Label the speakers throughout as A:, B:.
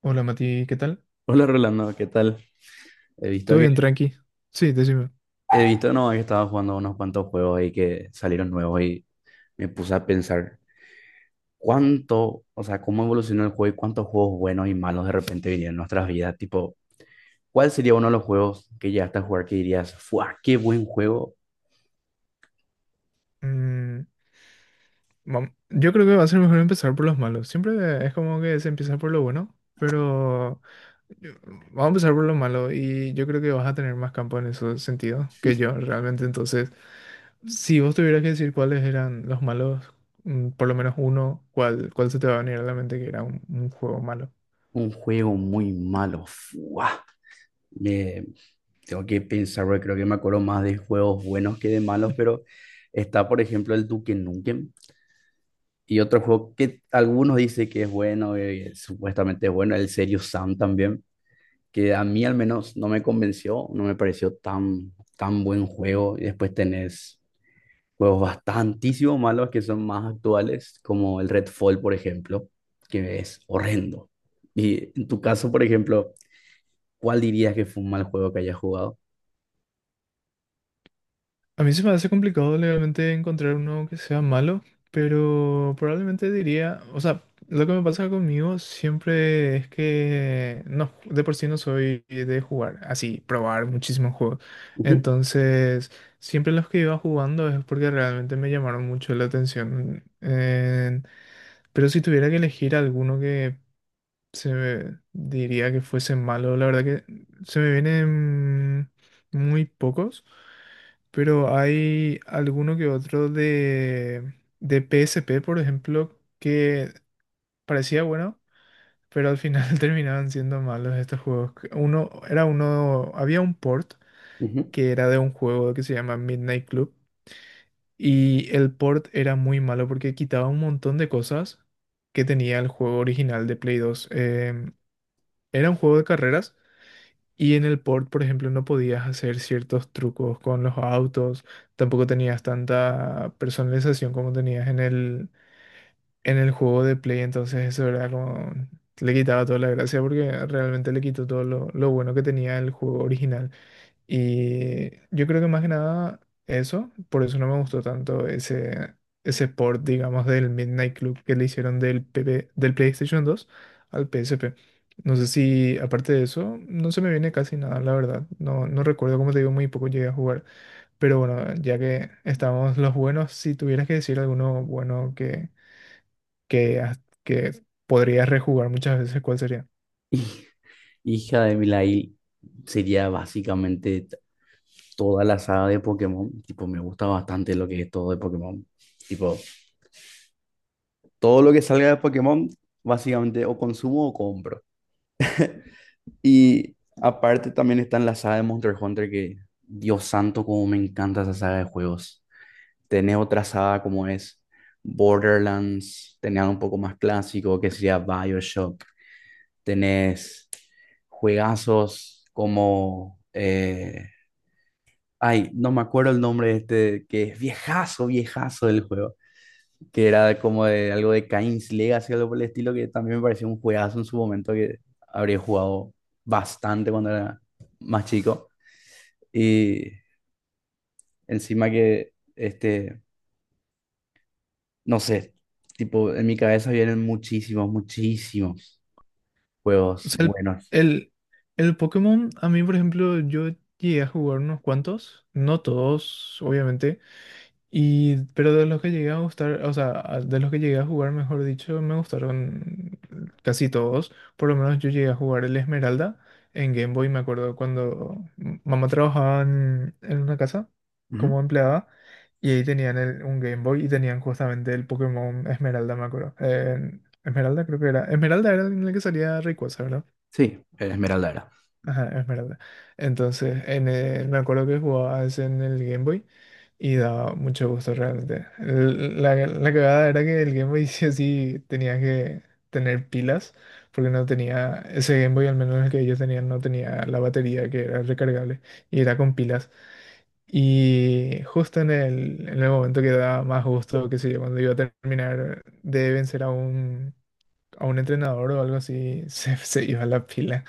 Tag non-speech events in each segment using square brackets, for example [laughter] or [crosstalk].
A: Hola Mati, ¿qué tal?
B: Hola Rolando, ¿qué tal? He visto
A: ¿Todo
B: que
A: bien, tranqui? Sí, decime.
B: he visto no, que estaba jugando unos cuantos juegos ahí que salieron nuevos y me puse a pensar o sea, cómo evolucionó el juego y cuántos juegos buenos y malos de repente vinieron en nuestras vidas. Tipo, ¿cuál sería uno de los juegos que llegaste a jugar que dirías, ¡fua! ¡Qué buen juego!
A: Mm, yo creo que va a ser mejor empezar por los malos. Siempre es como que se empieza por lo bueno, pero yo- vamos a empezar por lo malo y yo creo que vas a tener más campo en ese sentido que yo realmente. Entonces, si vos tuvieras que decir cuáles eran los malos, por lo menos uno, ¿cuál se te va a venir a la mente que era un juego malo?
B: Un juego muy malo, ¡fua! Me- tengo que pensar, porque creo que me acuerdo más de juegos buenos que de malos, pero está, por ejemplo, el Duke Nukem. Y otro juego que algunos dicen que es bueno, supuestamente es bueno, el Serious Sam también, que a mí al menos no me convenció, no me pareció tan buen juego. Y después tenés juegos bastantísimo malos que son más actuales, como el Redfall, por ejemplo, que es horrendo. Y en tu caso, por ejemplo, ¿cuál dirías que fue un mal juego que hayas jugado?
A: A mí se me hace complicado legalmente encontrar uno que sea malo, pero probablemente diría, o sea, lo que me pasa conmigo siempre es que no, de por sí no soy de jugar, así, probar muchísimos juegos.
B: Ujú,
A: Entonces, siempre los que iba jugando es porque realmente me llamaron mucho la atención. Pero si tuviera que elegir alguno que se me diría que fuese malo, la verdad que se me vienen muy pocos. Pero hay alguno que otro de, PSP, por ejemplo, que parecía bueno, pero al final [laughs] terminaban siendo malos estos juegos. Que uno, era uno, había un port
B: ujú.
A: que era de un juego que se llama Midnight Club y el port era muy malo porque quitaba un montón de cosas que tenía el juego original de Play 2, era un juego de carreras. Y en el port, por ejemplo, no podías hacer ciertos trucos con los autos, tampoco tenías tanta personalización como tenías en el, juego de Play. Entonces, eso era como... Le quitaba toda la gracia porque realmente le quitó todo lo bueno que tenía el juego original. Y yo creo que más que nada eso, por eso no me gustó tanto ese port, digamos, del Midnight Club que le hicieron del PP del PlayStation 2 al PSP. No sé si, aparte de eso, no se me viene casi nada, la verdad. No, no recuerdo, como te digo, muy poco llegué a jugar. Pero bueno, ya que estamos los buenos, si tuvieras que decir alguno bueno que, que podrías rejugar muchas veces, ¿cuál sería?
B: [laughs] Hij- Hija de Milail sería básicamente toda la saga de Pokémon. Tipo, me gusta bastante lo que es todo de Pokémon. Tipo, todo lo que salga de Pokémon, básicamente o consumo o compro. Y aparte también está en la saga de Monster Hunter, que Dios santo, como me encanta esa saga de juegos. Tenés otra saga como es Borderlands, tenés algo un poco más clásico, que sería BioShock. Tenés juegazos como... ay, no me acuerdo el nombre de este, que es viejazo, viejazo del juego, que era como de algo de Cain's Legacy, algo por el estilo, que también me pareció un juegazo en su momento que habría jugado bastante cuando era más chico. Y encima que, este, no sé, tipo, en mi cabeza vienen muchísimos, muchísimos
A: O
B: juegos
A: sea,
B: buenos.
A: el, el Pokémon, a mí, por ejemplo, yo llegué a jugar unos cuantos, no todos, obviamente, y, pero de los que llegué a gustar, o sea, de los que llegué a jugar, mejor dicho, me gustaron casi todos. Por lo menos yo llegué a jugar el Esmeralda en Game Boy. Me acuerdo cuando mamá trabajaba en, una casa
B: Ujú.
A: como empleada, y ahí tenían un Game Boy y tenían justamente el Pokémon Esmeralda, me acuerdo. Esmeralda creo que era. Esmeralda era en el que salía Rayquaza, ¿verdad?
B: Sí, Esmeralda era.
A: Ajá, es verdad. Entonces, me acuerdo que jugaba ese en el Game Boy y daba mucho gusto realmente. La cagada era que el Game Boy [laughs] sí o sí tenía que tener pilas, porque no tenía, ese Game Boy, al menos el que ellos tenían, no tenía la batería que era recargable y era con pilas. Y justo en el, momento que daba más gusto, qué sé yo, cuando iba a terminar de vencer a un entrenador o algo así, [laughs] se iba la pila.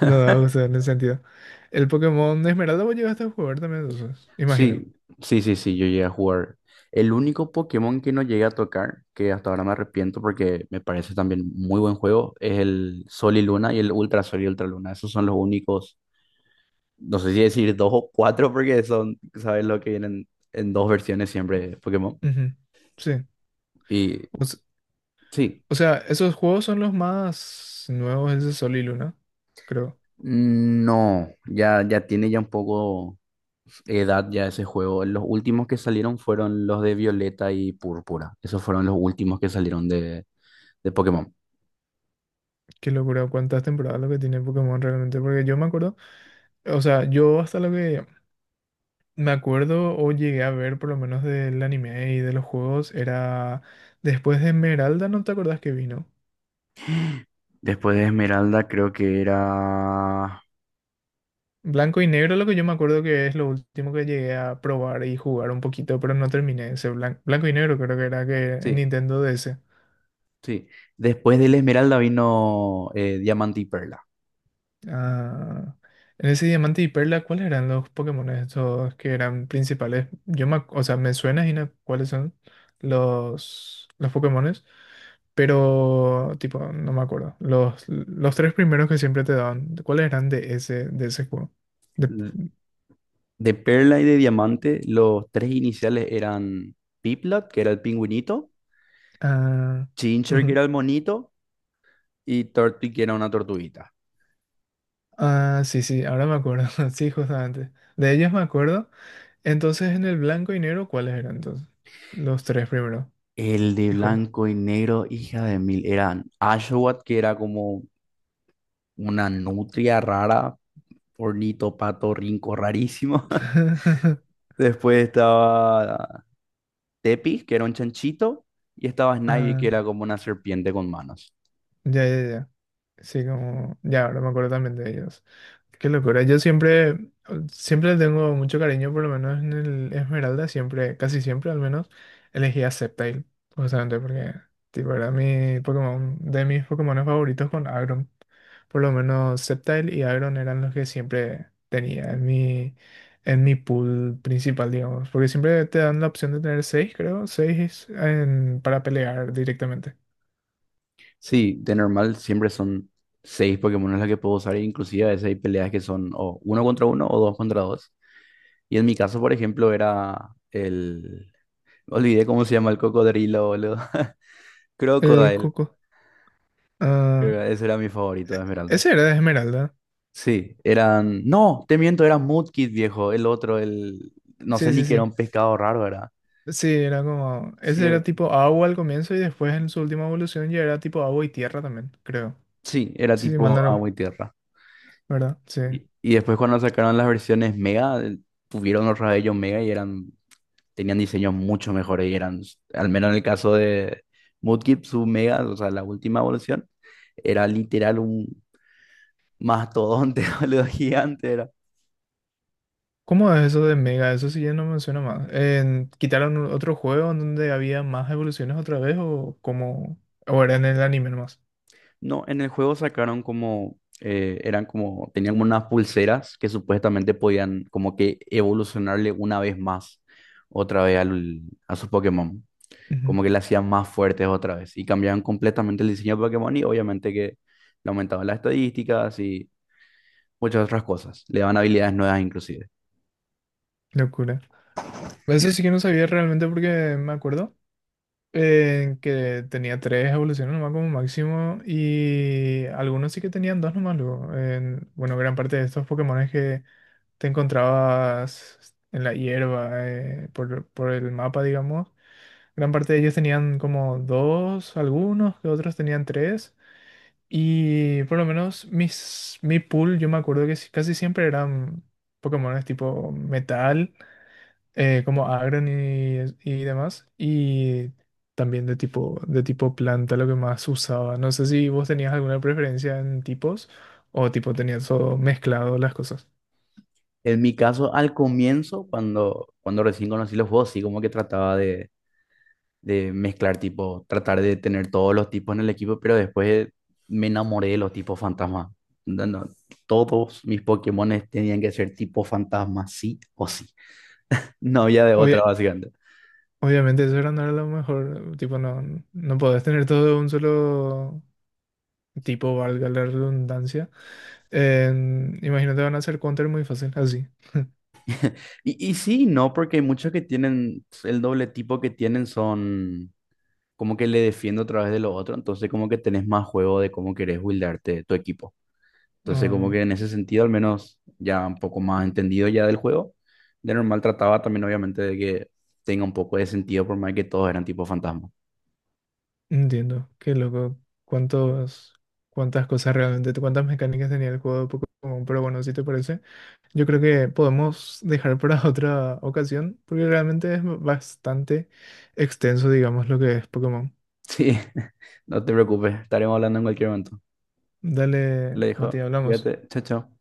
A: No daba gusto en ese sentido. El Pokémon Esmeralda vos llegaste a jugar también, entonces, imagino.
B: Sí, sí, sí, sí, yo llegué a jugar. El único Pokémon que no llegué a tocar, que hasta ahora me arrepiento porque me parece también muy buen juego, es el Sol y Luna y el Ultra Sol y Ultra Luna. Esos son los únicos, no sé si decir dos o cuatro, porque son, ¿sabes lo que vienen en dos versiones siempre de Pokémon?
A: Ujú. Sí.
B: Y
A: O, s-
B: sí,
A: o sea, esos juegos son los más nuevos, ese Sol y Luna, creo.
B: no, ya tiene ya un poco edad ya ese juego. Los últimos que salieron fueron los de Violeta y Púrpura. Esos fueron los últimos que salieron de Pokémon.
A: Qué locura, cuántas temporadas lo que tiene Pokémon realmente, porque yo me acuerdo, o sea, yo hasta lo que me acuerdo o llegué a ver por lo menos del anime y de los juegos era después de Esmeralda, ¿no te acordás que vino?
B: Después de Esmeralda creo que era...
A: Blanco y negro, lo que yo me acuerdo que es lo último que llegué a probar y jugar un poquito, pero no terminé ese blanco y negro, creo que era que en
B: Sí,
A: Nintendo DS.
B: sí. Después del Esmeralda vino Diamante y Perla.
A: Ah, en ese Diamante y Perla, ¿cuáles eran los Pokémon estos que eran principales? Yo me, o sea, me suena, Gina, cuáles son los Pokémones, pero tipo, no me acuerdo. Los tres primeros que siempre te daban, ¿cuáles eran de ese, juego? De,
B: De de Perla y de Diamante, los tres iniciales eran Piplat, que era el pingüinito,
A: ah,
B: Chincher, que era el monito, y Tortwig, que era una tortuguita.
A: Ah, sí, sí, ahora me acuerdo. [laughs] Sí, justamente. De ellos me acuerdo. Entonces, en el blanco y negro, ¿cuáles eran entonces? Los tres primero.
B: El de
A: Híjole.
B: blanco y negro, hija de mil, eran Ashwat, que era como una nutria rara, ornito, pato, rinco, rarísimo.
A: [laughs]
B: [laughs] Después estaba Tepi, que era un chanchito, y estaba Snivy, que
A: Ah,
B: era como una serpiente con manos.
A: ya, ya, ya. Sí, como, ya, ahora me acuerdo también de ellos. Qué locura. Yo siempre, siempre le tengo mucho cariño, por lo menos en el Esmeralda, siempre, casi siempre al menos, elegí a Sceptile, justamente porque, tipo, era mi Pokémon, de mis Pokémon favoritos con Agron. Por lo menos Sceptile y Agron eran los que siempre tenía en mi, pool principal, digamos, porque siempre te dan la opción de tener seis, creo, seis para pelear directamente.
B: Sí, de normal siempre son seis Pokémon las que puedo usar, e inclusive a veces hay peleas que son o uno contra uno o dos contra dos. Y en mi caso, por ejemplo, era el... Olvidé cómo se llama el cocodrilo, boludo. [laughs]
A: El
B: Crocodile.
A: Cuco. Ah,
B: Creo que ese era mi favorito de Esmeralda.
A: ese era de Esmeralda.
B: Sí, eran... No, te miento, era Mudkip, viejo. El otro, el... No sé
A: Sí,
B: ni
A: sí,
B: que era
A: sí.
B: un pescado raro, era.
A: Sí, era como. Ese era
B: Cierto.
A: tipo agua al comienzo y después en su última evolución ya era tipo agua y tierra también, creo.
B: Sí, era
A: Sí, sí, mal no
B: tipo agua y tierra.
A: ¿verdad? Sí.
B: Y después cuando sacaron las versiones Mega, tuvieron los rayos Mega y eran, tenían diseños mucho mejores y eran, al menos en el caso de Mudkip, su Mega, o sea, la última evolución, era literal un mastodonte, [laughs] boludo, gigante era.
A: ¿Cómo es eso de Mega? Eso sí ya no me suena más. ¿Quitaron otro juego en donde había más evoluciones otra vez, o como. ¿O era en el anime nomás?
B: No, en el juego sacaron como, eran como, tenían como unas pulseras que supuestamente podían como que evolucionarle una vez más, otra vez a su Pokémon.
A: Ujú.
B: Como que le hacían más fuertes otra vez y cambiaban completamente el diseño de Pokémon y obviamente que le aumentaban las estadísticas y muchas otras cosas, le daban habilidades nuevas inclusive.
A: Locura. Eso sí que no sabía realmente porque me acuerdo, que tenía tres evoluciones nomás como máximo y algunos sí que tenían dos nomás luego. Bueno, gran parte de estos Pokémones que te encontrabas en la hierba, por el mapa, digamos, gran parte de ellos tenían como dos, algunos, que otros tenían tres. Y por lo menos mis, mi pool, yo me acuerdo que casi siempre eran Pokémones tipo metal, como Agron y demás, y también de tipo planta, lo que más usaba. No sé si vos tenías alguna preferencia en tipos o tipo tenías todo mezclado las cosas.
B: En mi caso, al comienzo, cuando recién conocí los juegos, sí como que trataba de mezclar tipo, tratar de tener todos los tipos en el equipo, pero después me enamoré de los tipos fantasma. No, no, todos mis Pokémones tenían que ser tipo fantasma, sí o sí. No había de otra,
A: Obvia-
B: básicamente.
A: Obviamente eso era, no era lo mejor, tipo no, no podés tener todo de un solo tipo, valga la redundancia. Imagínate, van a hacer counter muy fácil, así.
B: Y sí, y no, porque hay muchos que tienen, pues, el doble tipo que tienen son como que le defiendo a través de lo otro, entonces como que tenés más juego de cómo querés buildarte tu equipo. Entonces como
A: Ah,
B: que en ese sentido al menos ya un poco más entendido ya del juego. De normal trataba también obviamente de que tenga un poco de sentido por más que todos eran tipo fantasma. [laughs]
A: entiendo, qué loco. ¿Cuántos, cuántas cosas realmente, cuántas mecánicas tenía el juego de Pokémon? Pero bueno, si te parece. Yo creo que podemos dejar para [laughs] otra ocasión, porque realmente es bastante extenso, digamos, lo que es Pokémon.
B: Sí, no te preocupes, estaremos hablando en cualquier momento. Le
A: Dale, Matías,
B: dijo,
A: hablamos.
B: cuídate, chao, chao.